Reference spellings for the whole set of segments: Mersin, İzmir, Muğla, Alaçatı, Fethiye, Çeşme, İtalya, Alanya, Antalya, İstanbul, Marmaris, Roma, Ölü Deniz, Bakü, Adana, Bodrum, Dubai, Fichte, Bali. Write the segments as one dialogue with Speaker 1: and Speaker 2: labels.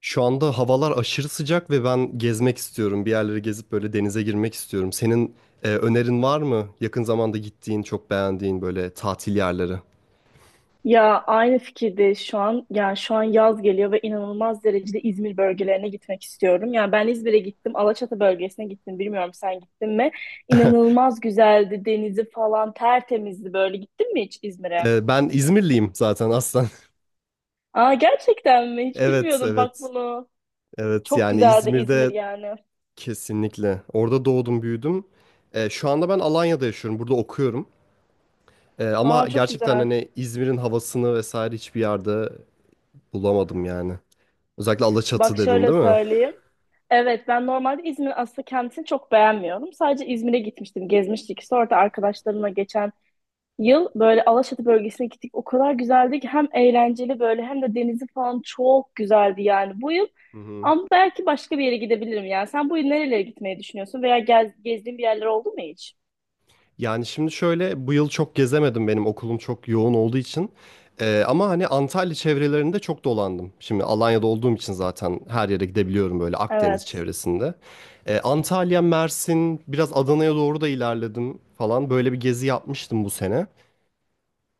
Speaker 1: Şu anda havalar aşırı sıcak ve ben gezmek istiyorum. Bir yerleri gezip böyle denize girmek istiyorum. Senin önerin var mı? Yakın zamanda gittiğin, çok beğendiğin böyle tatil yerleri.
Speaker 2: Ya aynı fikirde şu an, yani şu an yaz geliyor ve inanılmaz derecede İzmir bölgelerine gitmek istiyorum. Yani ben İzmir'e gittim, Alaçatı bölgesine gittim. Bilmiyorum, sen gittin mi? İnanılmaz güzeldi, denizi falan tertemizdi böyle. Gittin mi hiç İzmir'e?
Speaker 1: Ben İzmirliyim zaten aslen.
Speaker 2: Aa, gerçekten mi? Hiç
Speaker 1: Evet,
Speaker 2: bilmiyordum, bak
Speaker 1: evet.
Speaker 2: bunu.
Speaker 1: Evet
Speaker 2: Çok
Speaker 1: yani
Speaker 2: güzeldi İzmir
Speaker 1: İzmir'de
Speaker 2: yani.
Speaker 1: kesinlikle. Orada doğdum, büyüdüm. Şu anda ben Alanya'da yaşıyorum. Burada okuyorum.
Speaker 2: Aa,
Speaker 1: Ama
Speaker 2: çok
Speaker 1: gerçekten
Speaker 2: güzel.
Speaker 1: hani İzmir'in havasını vesaire hiçbir yerde bulamadım yani. Özellikle Alaçatı
Speaker 2: Bak
Speaker 1: dedin
Speaker 2: şöyle
Speaker 1: değil mi?
Speaker 2: söyleyeyim. Evet, ben normalde İzmir aslında kendisini çok beğenmiyorum. Sadece İzmir'e gitmiştim, gezmiştik. Sonra da arkadaşlarımla geçen yıl böyle Alaçatı bölgesine gittik. O kadar güzeldi ki, hem eğlenceli böyle hem de denizi falan çok güzeldi yani bu yıl.
Speaker 1: Hı hı.
Speaker 2: Ama belki başka bir yere gidebilirim yani. Sen bu yıl nerelere gitmeyi düşünüyorsun veya gezdiğin bir yerler oldu mu hiç?
Speaker 1: Yani şimdi şöyle bu yıl çok gezemedim benim okulum çok yoğun olduğu için. Ama hani Antalya çevrelerinde çok dolandım. Şimdi Alanya'da olduğum için zaten her yere gidebiliyorum böyle Akdeniz
Speaker 2: Evet.
Speaker 1: çevresinde. Antalya, Mersin, biraz Adana'ya doğru da ilerledim falan. Böyle bir gezi yapmıştım bu sene.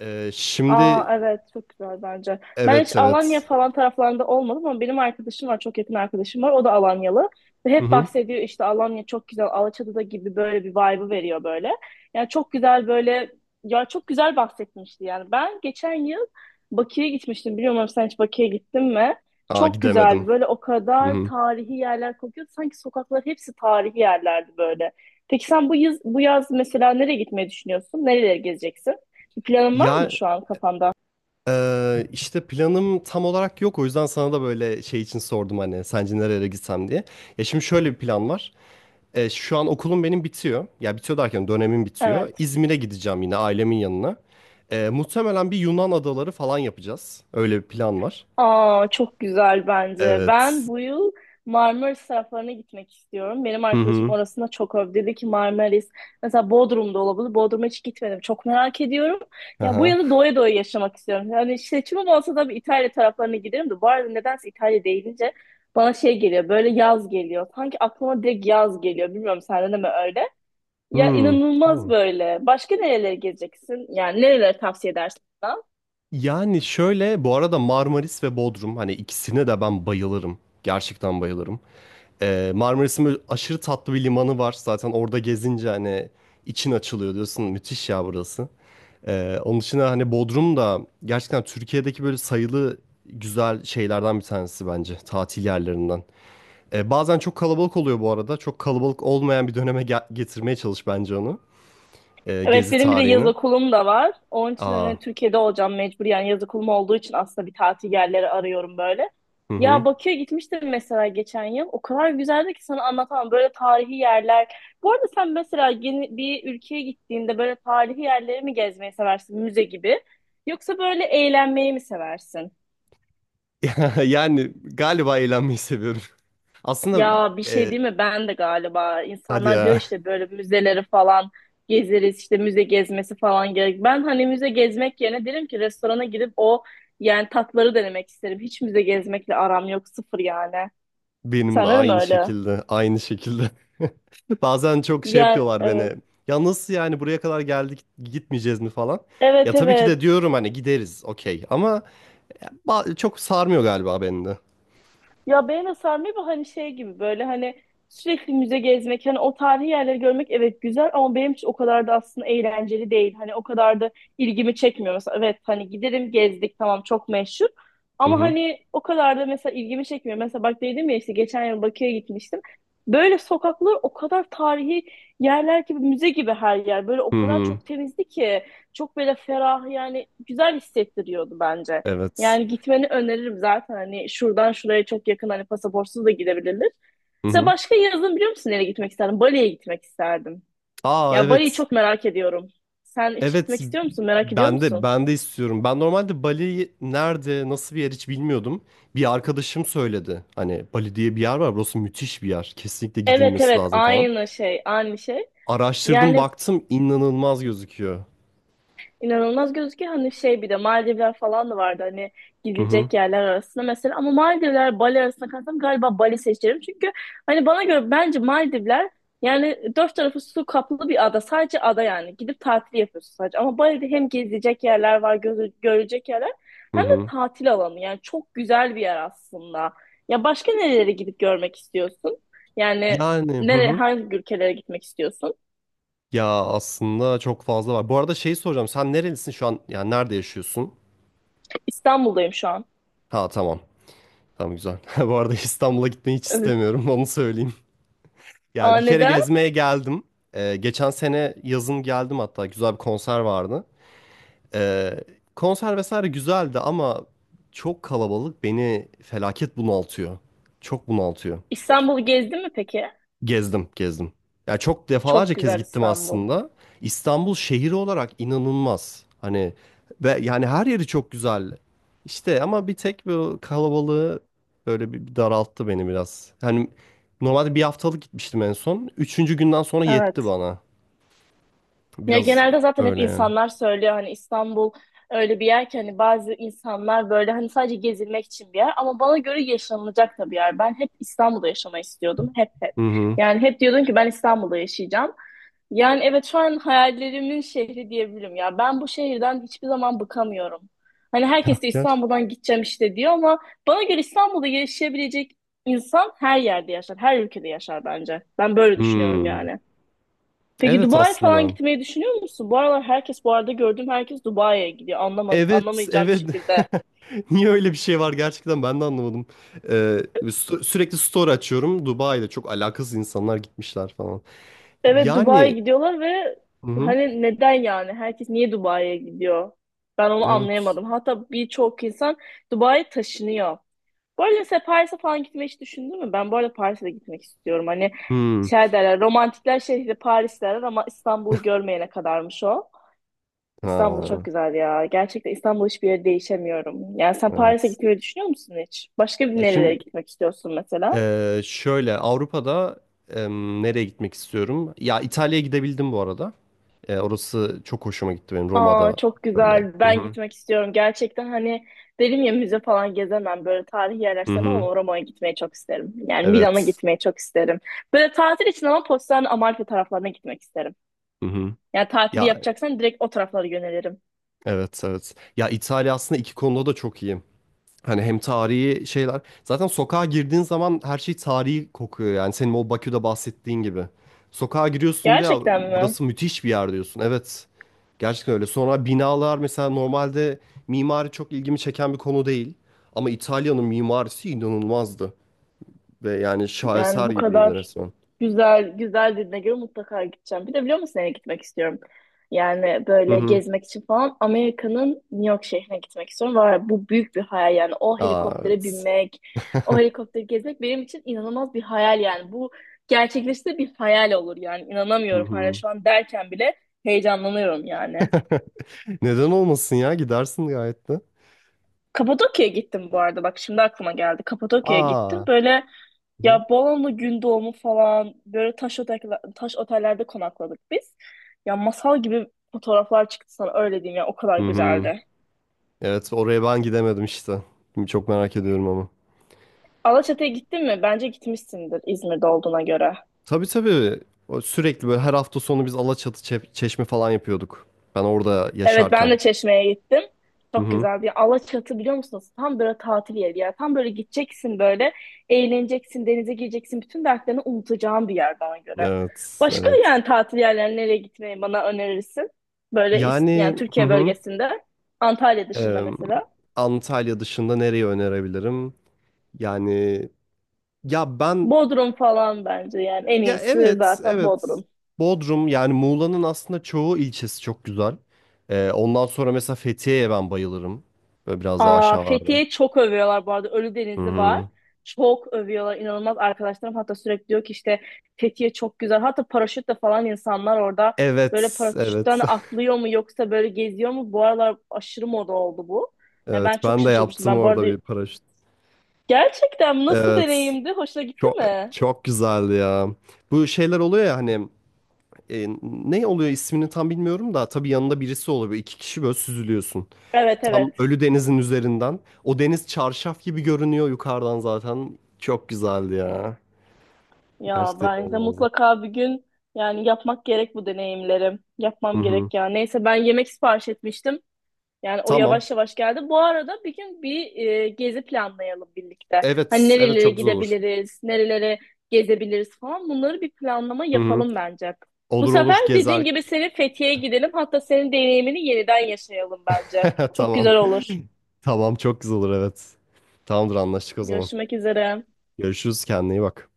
Speaker 1: Şimdi
Speaker 2: Aa, evet, çok güzel bence. Ben hiç
Speaker 1: evet
Speaker 2: Alanya
Speaker 1: evet.
Speaker 2: falan taraflarında olmadım ama benim arkadaşım var, çok yakın arkadaşım var, o da Alanyalı. Ve
Speaker 1: Hı
Speaker 2: hep
Speaker 1: hı.
Speaker 2: bahsediyor işte, Alanya çok güzel, Alaçatı'da gibi böyle bir vibe'ı veriyor böyle. Yani çok güzel böyle, ya çok güzel bahsetmişti yani. Ben geçen yıl Bakü'ye gitmiştim, bilmiyorum sen hiç Bakü'ye gittin mi?
Speaker 1: Aa
Speaker 2: Çok güzeldi
Speaker 1: gidemedim.
Speaker 2: böyle, o
Speaker 1: Hı
Speaker 2: kadar
Speaker 1: hı.
Speaker 2: tarihi yerler kokuyordu sanki, sokaklar hepsi tarihi yerlerdi böyle. Peki sen bu yaz, bu yaz mesela nereye gitmeyi düşünüyorsun? Nereleri gezeceksin? Bir planın var
Speaker 1: Ya
Speaker 2: mı şu an kafanda?
Speaker 1: işte planım tam olarak yok. O yüzden sana da böyle şey için sordum hani sence nerelere gitsem diye. Ya şimdi şöyle bir plan var. Şu an okulum benim bitiyor. Ya bitiyor derken dönemim bitiyor.
Speaker 2: Evet.
Speaker 1: İzmir'e gideceğim yine ailemin yanına. Muhtemelen bir Yunan adaları falan yapacağız. Öyle bir plan var.
Speaker 2: Aa, çok güzel bence. Ben
Speaker 1: Evet.
Speaker 2: bu yıl Marmaris taraflarına gitmek istiyorum. Benim
Speaker 1: Hı
Speaker 2: arkadaşım
Speaker 1: hı.
Speaker 2: orasına çok övdü. Dedi ki Marmaris mesela, Bodrum'da olabilir. Bodrum'a hiç gitmedim. Çok merak ediyorum. Ya bu
Speaker 1: Aha.
Speaker 2: yılı doya doya yaşamak istiyorum. Yani seçimim olsa da bir İtalya taraflarına giderim de. Bu arada nedense İtalya deyince bana şey geliyor. Böyle yaz geliyor. Sanki aklıma direkt yaz geliyor. Bilmiyorum, sende de mi öyle? Ya
Speaker 1: Hmm.
Speaker 2: inanılmaz
Speaker 1: Tamam.
Speaker 2: böyle. Başka nerelere gezeceksin? Yani nerelere tavsiye edersin?
Speaker 1: Yani şöyle bu arada Marmaris ve Bodrum hani ikisine de ben bayılırım. Gerçekten bayılırım. Marmaris'in böyle aşırı tatlı bir limanı var. Zaten orada gezince hani için açılıyor diyorsun. Müthiş ya burası. Onun dışında hani Bodrum da gerçekten Türkiye'deki böyle sayılı güzel şeylerden bir tanesi bence. Tatil yerlerinden. Bazen çok kalabalık oluyor bu arada. Çok kalabalık olmayan bir döneme getirmeye çalış bence onu.
Speaker 2: Evet,
Speaker 1: Gezi
Speaker 2: benim bir de yaz
Speaker 1: tarihini.
Speaker 2: okulum da var. Onun için
Speaker 1: Aa,
Speaker 2: hani Türkiye'de olacağım mecbur. Yani yaz okulum olduğu için aslında bir tatil yerleri arıyorum böyle.
Speaker 1: hı hı.
Speaker 2: Ya Bakü'ye gitmiştim mesela geçen yıl. O kadar güzeldi ki sana anlatamam. Böyle tarihi yerler. Bu arada sen mesela yeni bir ülkeye gittiğinde böyle tarihi yerleri mi gezmeyi seversin? Müze gibi. Yoksa böyle eğlenmeyi mi seversin?
Speaker 1: Yani galiba eğlenmeyi seviyorum. Aslında
Speaker 2: Ya bir şey
Speaker 1: e,
Speaker 2: değil mi? Ben de galiba,
Speaker 1: hadi ya,
Speaker 2: insanlar diyor işte böyle müzeleri falan gezeriz işte, müze gezmesi falan gerek. Ben hani müze gezmek yerine derim ki restorana gidip o yani tatları denemek isterim. Hiç müze gezmekle aram yok, sıfır yani.
Speaker 1: benim de
Speaker 2: Sen öyle mi
Speaker 1: aynı
Speaker 2: öyle?
Speaker 1: şekilde, aynı şekilde. Bazen çok şey
Speaker 2: Ya
Speaker 1: yapıyorlar beni.
Speaker 2: evet.
Speaker 1: Ya nasıl yani buraya kadar geldik gitmeyeceğiz mi falan. Ya
Speaker 2: Evet,
Speaker 1: tabii ki de
Speaker 2: evet.
Speaker 1: diyorum hani gideriz okey ama çok sarmıyor galiba beni de.
Speaker 2: Ya beğene sarmıyor bu, hani şey gibi böyle hani sürekli müze gezmek, hani o tarihi yerleri görmek, evet güzel ama benim için o kadar da aslında eğlenceli değil. Hani o kadar da ilgimi çekmiyor. Mesela evet, hani giderim, gezdik, tamam, çok meşhur
Speaker 1: Hı
Speaker 2: ama
Speaker 1: hı.
Speaker 2: hani o kadar da mesela ilgimi çekmiyor. Mesela bak, dedim ya işte geçen yıl Bakü'ye gitmiştim. Böyle sokaklar o kadar tarihi yerler gibi, müze gibi her yer, böyle o
Speaker 1: Hı
Speaker 2: kadar
Speaker 1: hı.
Speaker 2: çok temizdi ki, çok böyle ferah yani, güzel hissettiriyordu bence.
Speaker 1: Evet.
Speaker 2: Yani gitmeni öneririm zaten. Hani şuradan şuraya çok yakın, hani pasaportsuz da gidebilir.
Speaker 1: Hı
Speaker 2: Mesela
Speaker 1: hı.
Speaker 2: başka yazın biliyor musun nereye gitmek isterdim? Bali'ye gitmek isterdim.
Speaker 1: Aa
Speaker 2: Ya Bali'yi
Speaker 1: evet.
Speaker 2: çok merak ediyorum. Sen hiç
Speaker 1: Evet
Speaker 2: gitmek istiyor musun? Merak ediyor
Speaker 1: ben de
Speaker 2: musun?
Speaker 1: ben de istiyorum. Ben normalde Bali nerede nasıl bir yer hiç bilmiyordum. Bir arkadaşım söyledi. Hani Bali diye bir yer var. Burası müthiş bir yer. Kesinlikle
Speaker 2: Evet,
Speaker 1: gidilmesi
Speaker 2: evet,
Speaker 1: lazım falan.
Speaker 2: aynı şey aynı şey.
Speaker 1: Araştırdım
Speaker 2: Yani
Speaker 1: baktım inanılmaz gözüküyor.
Speaker 2: İnanılmaz gözüküyor. Hani şey, bir de Maldivler falan da vardı hani
Speaker 1: Hı hı
Speaker 2: gidilecek yerler arasında mesela. Ama Maldivler Bali arasında kalsam galiba Bali seçerim. Çünkü hani bana göre bence Maldivler yani dört tarafı su kaplı bir ada. Sadece ada yani. Gidip tatil yapıyorsun sadece. Ama Bali'de hem gezilecek yerler var, görülecek yerler
Speaker 1: hı
Speaker 2: hem de
Speaker 1: hı.
Speaker 2: tatil alanı. Yani çok güzel bir yer aslında. Ya başka nerelere gidip görmek istiyorsun? Yani
Speaker 1: Yani hı hı.
Speaker 2: hangi ülkelere gitmek istiyorsun?
Speaker 1: Ya aslında çok fazla var. Bu arada şeyi soracağım. Sen nerelisin şu an? Yani nerede yaşıyorsun?
Speaker 2: İstanbul'dayım şu an.
Speaker 1: Ha tamam. Tamam güzel. Bu arada İstanbul'a gitmeyi hiç
Speaker 2: Evet.
Speaker 1: istemiyorum. Onu söyleyeyim. Ya
Speaker 2: Aa,
Speaker 1: bir kere
Speaker 2: neden?
Speaker 1: gezmeye geldim. Geçen sene yazın geldim hatta güzel bir konser vardı. Ee, Konser vesaire güzeldi ama çok kalabalık beni felaket bunaltıyor. Çok bunaltıyor.
Speaker 2: İstanbul'u gezdin mi peki?
Speaker 1: Gezdim, gezdim. Ya çok defalarca
Speaker 2: Çok
Speaker 1: kez
Speaker 2: güzel
Speaker 1: gittim
Speaker 2: İstanbul.
Speaker 1: aslında. İstanbul şehri olarak inanılmaz. Hani ve yani her yeri çok güzel. İşte ama bir tek bu kalabalığı böyle bir daralttı beni biraz. Hani normalde bir haftalık gitmiştim en son. Üçüncü günden sonra yetti
Speaker 2: Evet.
Speaker 1: bana.
Speaker 2: Ya
Speaker 1: Biraz
Speaker 2: genelde zaten hep
Speaker 1: öyle yani.
Speaker 2: insanlar söylüyor, hani İstanbul öyle bir yer ki, hani bazı insanlar böyle hani sadece gezilmek için bir yer ama bana göre yaşanılacak da bir yer. Ben hep İstanbul'da yaşamayı istiyordum. Hep, hep.
Speaker 1: Hı hı.
Speaker 2: Yani hep diyordum ki ben İstanbul'da yaşayacağım. Yani evet, şu an hayallerimin şehri diyebilirim ya. Ben bu şehirden hiçbir zaman bıkamıyorum. Hani
Speaker 1: Ya
Speaker 2: herkes de
Speaker 1: gerçekten.
Speaker 2: İstanbul'dan gideceğim işte diyor ama bana göre İstanbul'da yaşayabilecek insan her yerde yaşar, her ülkede yaşar bence. Ben böyle düşünüyorum
Speaker 1: Hmm.
Speaker 2: yani. Peki
Speaker 1: Evet
Speaker 2: Dubai falan
Speaker 1: aslında.
Speaker 2: gitmeyi düşünüyor musun? Bu aralar herkes, bu arada gördüğüm herkes Dubai'ye gidiyor.
Speaker 1: Evet,
Speaker 2: Anlamayacağım bir
Speaker 1: evet.
Speaker 2: şekilde.
Speaker 1: Niye öyle bir şey var gerçekten ben de anlamadım. Sürekli story açıyorum. Dubai'de çok alakasız insanlar gitmişler falan.
Speaker 2: Evet, Dubai'ye
Speaker 1: Yani,
Speaker 2: gidiyorlar ve
Speaker 1: hı hı,
Speaker 2: hani neden yani? Herkes niye Dubai'ye gidiyor? Ben onu
Speaker 1: evet.
Speaker 2: anlayamadım. Hatta birçok insan Dubai'ye taşınıyor. Bu arada mesela Paris'e falan gitmeyi hiç düşündün mü? Ben bu arada Paris'e de gitmek istiyorum. Hani
Speaker 1: Hmm.
Speaker 2: şey derler, romantikler şehri Paris derler ama İstanbul'u görmeyene kadarmış o. İstanbul çok
Speaker 1: Ha,
Speaker 2: güzel ya. Gerçekten İstanbul hiçbir yere değişemiyorum. Yani sen Paris'e
Speaker 1: evet.
Speaker 2: gitmeyi düşünüyor musun hiç? Başka bir
Speaker 1: Ya
Speaker 2: nerelere
Speaker 1: şimdi
Speaker 2: gitmek istiyorsun mesela?
Speaker 1: şöyle Avrupa'da nereye gitmek istiyorum? Ya İtalya'ya gidebildim bu arada. Orası çok hoşuma gitti benim,
Speaker 2: Aa,
Speaker 1: Roma'da
Speaker 2: çok
Speaker 1: böyle.
Speaker 2: güzel.
Speaker 1: Hı
Speaker 2: Ben
Speaker 1: hı.
Speaker 2: gitmek istiyorum. Gerçekten hani dedim ya müze falan gezemem. Böyle tarihi yerler
Speaker 1: Hı
Speaker 2: sevmem
Speaker 1: hı.
Speaker 2: ama Roma'ya gitmeyi çok isterim. Yani Milan'a
Speaker 1: Evet.
Speaker 2: gitmeyi çok isterim. Böyle tatil için ama Positano, Amalfi taraflarına gitmek isterim.
Speaker 1: Hı hı.
Speaker 2: Yani tatili
Speaker 1: Ya
Speaker 2: yapacaksan direkt o taraflara yönelirim.
Speaker 1: evet evet. Ya İtalya aslında iki konuda da çok iyi. Hani hem tarihi şeyler. Zaten sokağa girdiğin zaman her şey tarihi kokuyor. Yani senin o Bakü'de bahsettiğin gibi. Sokağa giriyorsun ve "Ya
Speaker 2: Gerçekten mi?
Speaker 1: burası müthiş bir yer" diyorsun. Evet. Gerçekten öyle. Sonra binalar mesela normalde mimari çok ilgimi çeken bir konu değil. Ama İtalya'nın mimarisi inanılmazdı. Ve yani
Speaker 2: Yani
Speaker 1: şaheser
Speaker 2: bu
Speaker 1: gibiydi
Speaker 2: kadar
Speaker 1: resmen.
Speaker 2: güzel dediğine göre mutlaka gideceğim. Bir de biliyor musun nereye gitmek istiyorum? Yani
Speaker 1: Hı
Speaker 2: böyle
Speaker 1: hı.
Speaker 2: gezmek için falan Amerika'nın New York şehrine gitmek istiyorum. Var bu, büyük bir hayal yani, o
Speaker 1: Aa,
Speaker 2: helikoptere
Speaker 1: evet.
Speaker 2: binmek, o helikopteri gezmek benim için inanılmaz bir hayal yani. Bu gerçekleşse bir hayal olur yani.
Speaker 1: Hı
Speaker 2: İnanamıyorum, hala
Speaker 1: hı.
Speaker 2: şu an derken bile heyecanlanıyorum yani.
Speaker 1: Neden olmasın ya? Gidersin gayet de.
Speaker 2: Kapadokya'ya gittim bu arada, bak şimdi aklıma geldi. Kapadokya'ya gittim
Speaker 1: Aa.
Speaker 2: böyle,
Speaker 1: Hı hı.
Speaker 2: ya Bolu'nun Gündoğdu falan, böyle taş otel, taş otellerde konakladık biz. Ya masal gibi fotoğraflar çıktı, sana öyle diyeyim ya, o kadar
Speaker 1: Hı hı.
Speaker 2: güzeldi.
Speaker 1: Evet oraya ben gidemedim işte. Şimdi çok merak ediyorum ama.
Speaker 2: Alaçatı'ya gittin mi? Bence gitmişsindir İzmir'de olduğuna göre.
Speaker 1: Tabii tabii. O sürekli böyle her hafta sonu biz Alaçatı Çeşme falan yapıyorduk. Ben orada
Speaker 2: Evet, ben
Speaker 1: yaşarken.
Speaker 2: de Çeşme'ye gittim.
Speaker 1: Hı
Speaker 2: Çok
Speaker 1: hı.
Speaker 2: güzel bir Alaçatı, biliyor musunuz? Tam böyle tatil yeri bir yer. Tam böyle gideceksin böyle, eğleneceksin, denize gireceksin. Bütün dertlerini unutacağın bir yer bana göre.
Speaker 1: Evet,
Speaker 2: Başka
Speaker 1: evet.
Speaker 2: yani tatil yerlerine nereye gitmeyi bana önerirsin? Böyle yani
Speaker 1: Yani hı
Speaker 2: Türkiye
Speaker 1: hı.
Speaker 2: bölgesinde Antalya dışında
Speaker 1: Eee,
Speaker 2: mesela.
Speaker 1: Antalya dışında nereyi önerebilirim? Yani ya ben,
Speaker 2: Bodrum falan bence, yani en
Speaker 1: ya
Speaker 2: iyisi
Speaker 1: evet,
Speaker 2: zaten
Speaker 1: evet.
Speaker 2: Bodrum.
Speaker 1: Bodrum yani Muğla'nın aslında çoğu ilçesi çok güzel. Ondan sonra mesela Fethiye'ye ben bayılırım. Böyle biraz daha
Speaker 2: Aa,
Speaker 1: aşağılarda.
Speaker 2: Fethiye çok övüyorlar bu arada.
Speaker 1: Hı
Speaker 2: Ölüdeniz'i var.
Speaker 1: hı.
Speaker 2: Çok övüyorlar. İnanılmaz, arkadaşlarım hatta sürekli diyor ki işte Fethiye çok güzel. Hatta paraşütle falan insanlar orada böyle
Speaker 1: Evet,
Speaker 2: paraşütten
Speaker 1: evet,
Speaker 2: atlıyor mu yoksa böyle geziyor mu? Bu aralar aşırı moda oldu bu. Yani
Speaker 1: evet.
Speaker 2: ben çok
Speaker 1: Ben de
Speaker 2: şaşırmıştım.
Speaker 1: yaptım
Speaker 2: Ben bu
Speaker 1: orada
Speaker 2: arada
Speaker 1: bir paraşüt.
Speaker 2: gerçekten nasıl
Speaker 1: Evet,
Speaker 2: deneyimdi? Hoşuna gitti
Speaker 1: çok
Speaker 2: mi?
Speaker 1: çok güzeldi ya. Bu şeyler oluyor ya hani ne oluyor ismini tam bilmiyorum da tabii yanında birisi oluyor. Böyle İki kişi böyle süzülüyorsun.
Speaker 2: Evet,
Speaker 1: Tam
Speaker 2: evet.
Speaker 1: Ölü Deniz'in üzerinden. O deniz çarşaf gibi görünüyor yukarıdan zaten. Çok güzeldi ya.
Speaker 2: Ya
Speaker 1: Gerçekten
Speaker 2: bence
Speaker 1: inanılmazdı.
Speaker 2: mutlaka bir gün yani yapmak gerek bu deneyimlerim.
Speaker 1: Hı
Speaker 2: Yapmam
Speaker 1: hı.
Speaker 2: gerek ya. Neyse, ben yemek sipariş etmiştim. Yani o
Speaker 1: Tamam.
Speaker 2: yavaş yavaş geldi. Bu arada bir gün bir gezi planlayalım birlikte. Hani
Speaker 1: Evet, evet
Speaker 2: nerelere
Speaker 1: çok güzel olur.
Speaker 2: gidebiliriz, nerelere gezebiliriz falan. Bunları bir planlama
Speaker 1: Hı hı.
Speaker 2: yapalım bence. Bu
Speaker 1: Olur
Speaker 2: sefer
Speaker 1: olur
Speaker 2: dediğin
Speaker 1: gezer.
Speaker 2: gibi senin Fethiye'ye gidelim. Hatta senin deneyimini yeniden yaşayalım bence. Çok
Speaker 1: Tamam.
Speaker 2: güzel olur.
Speaker 1: Tamam çok güzel olur evet. Tamamdır anlaştık o zaman.
Speaker 2: Görüşmek üzere.
Speaker 1: Görüşürüz kendine iyi bak.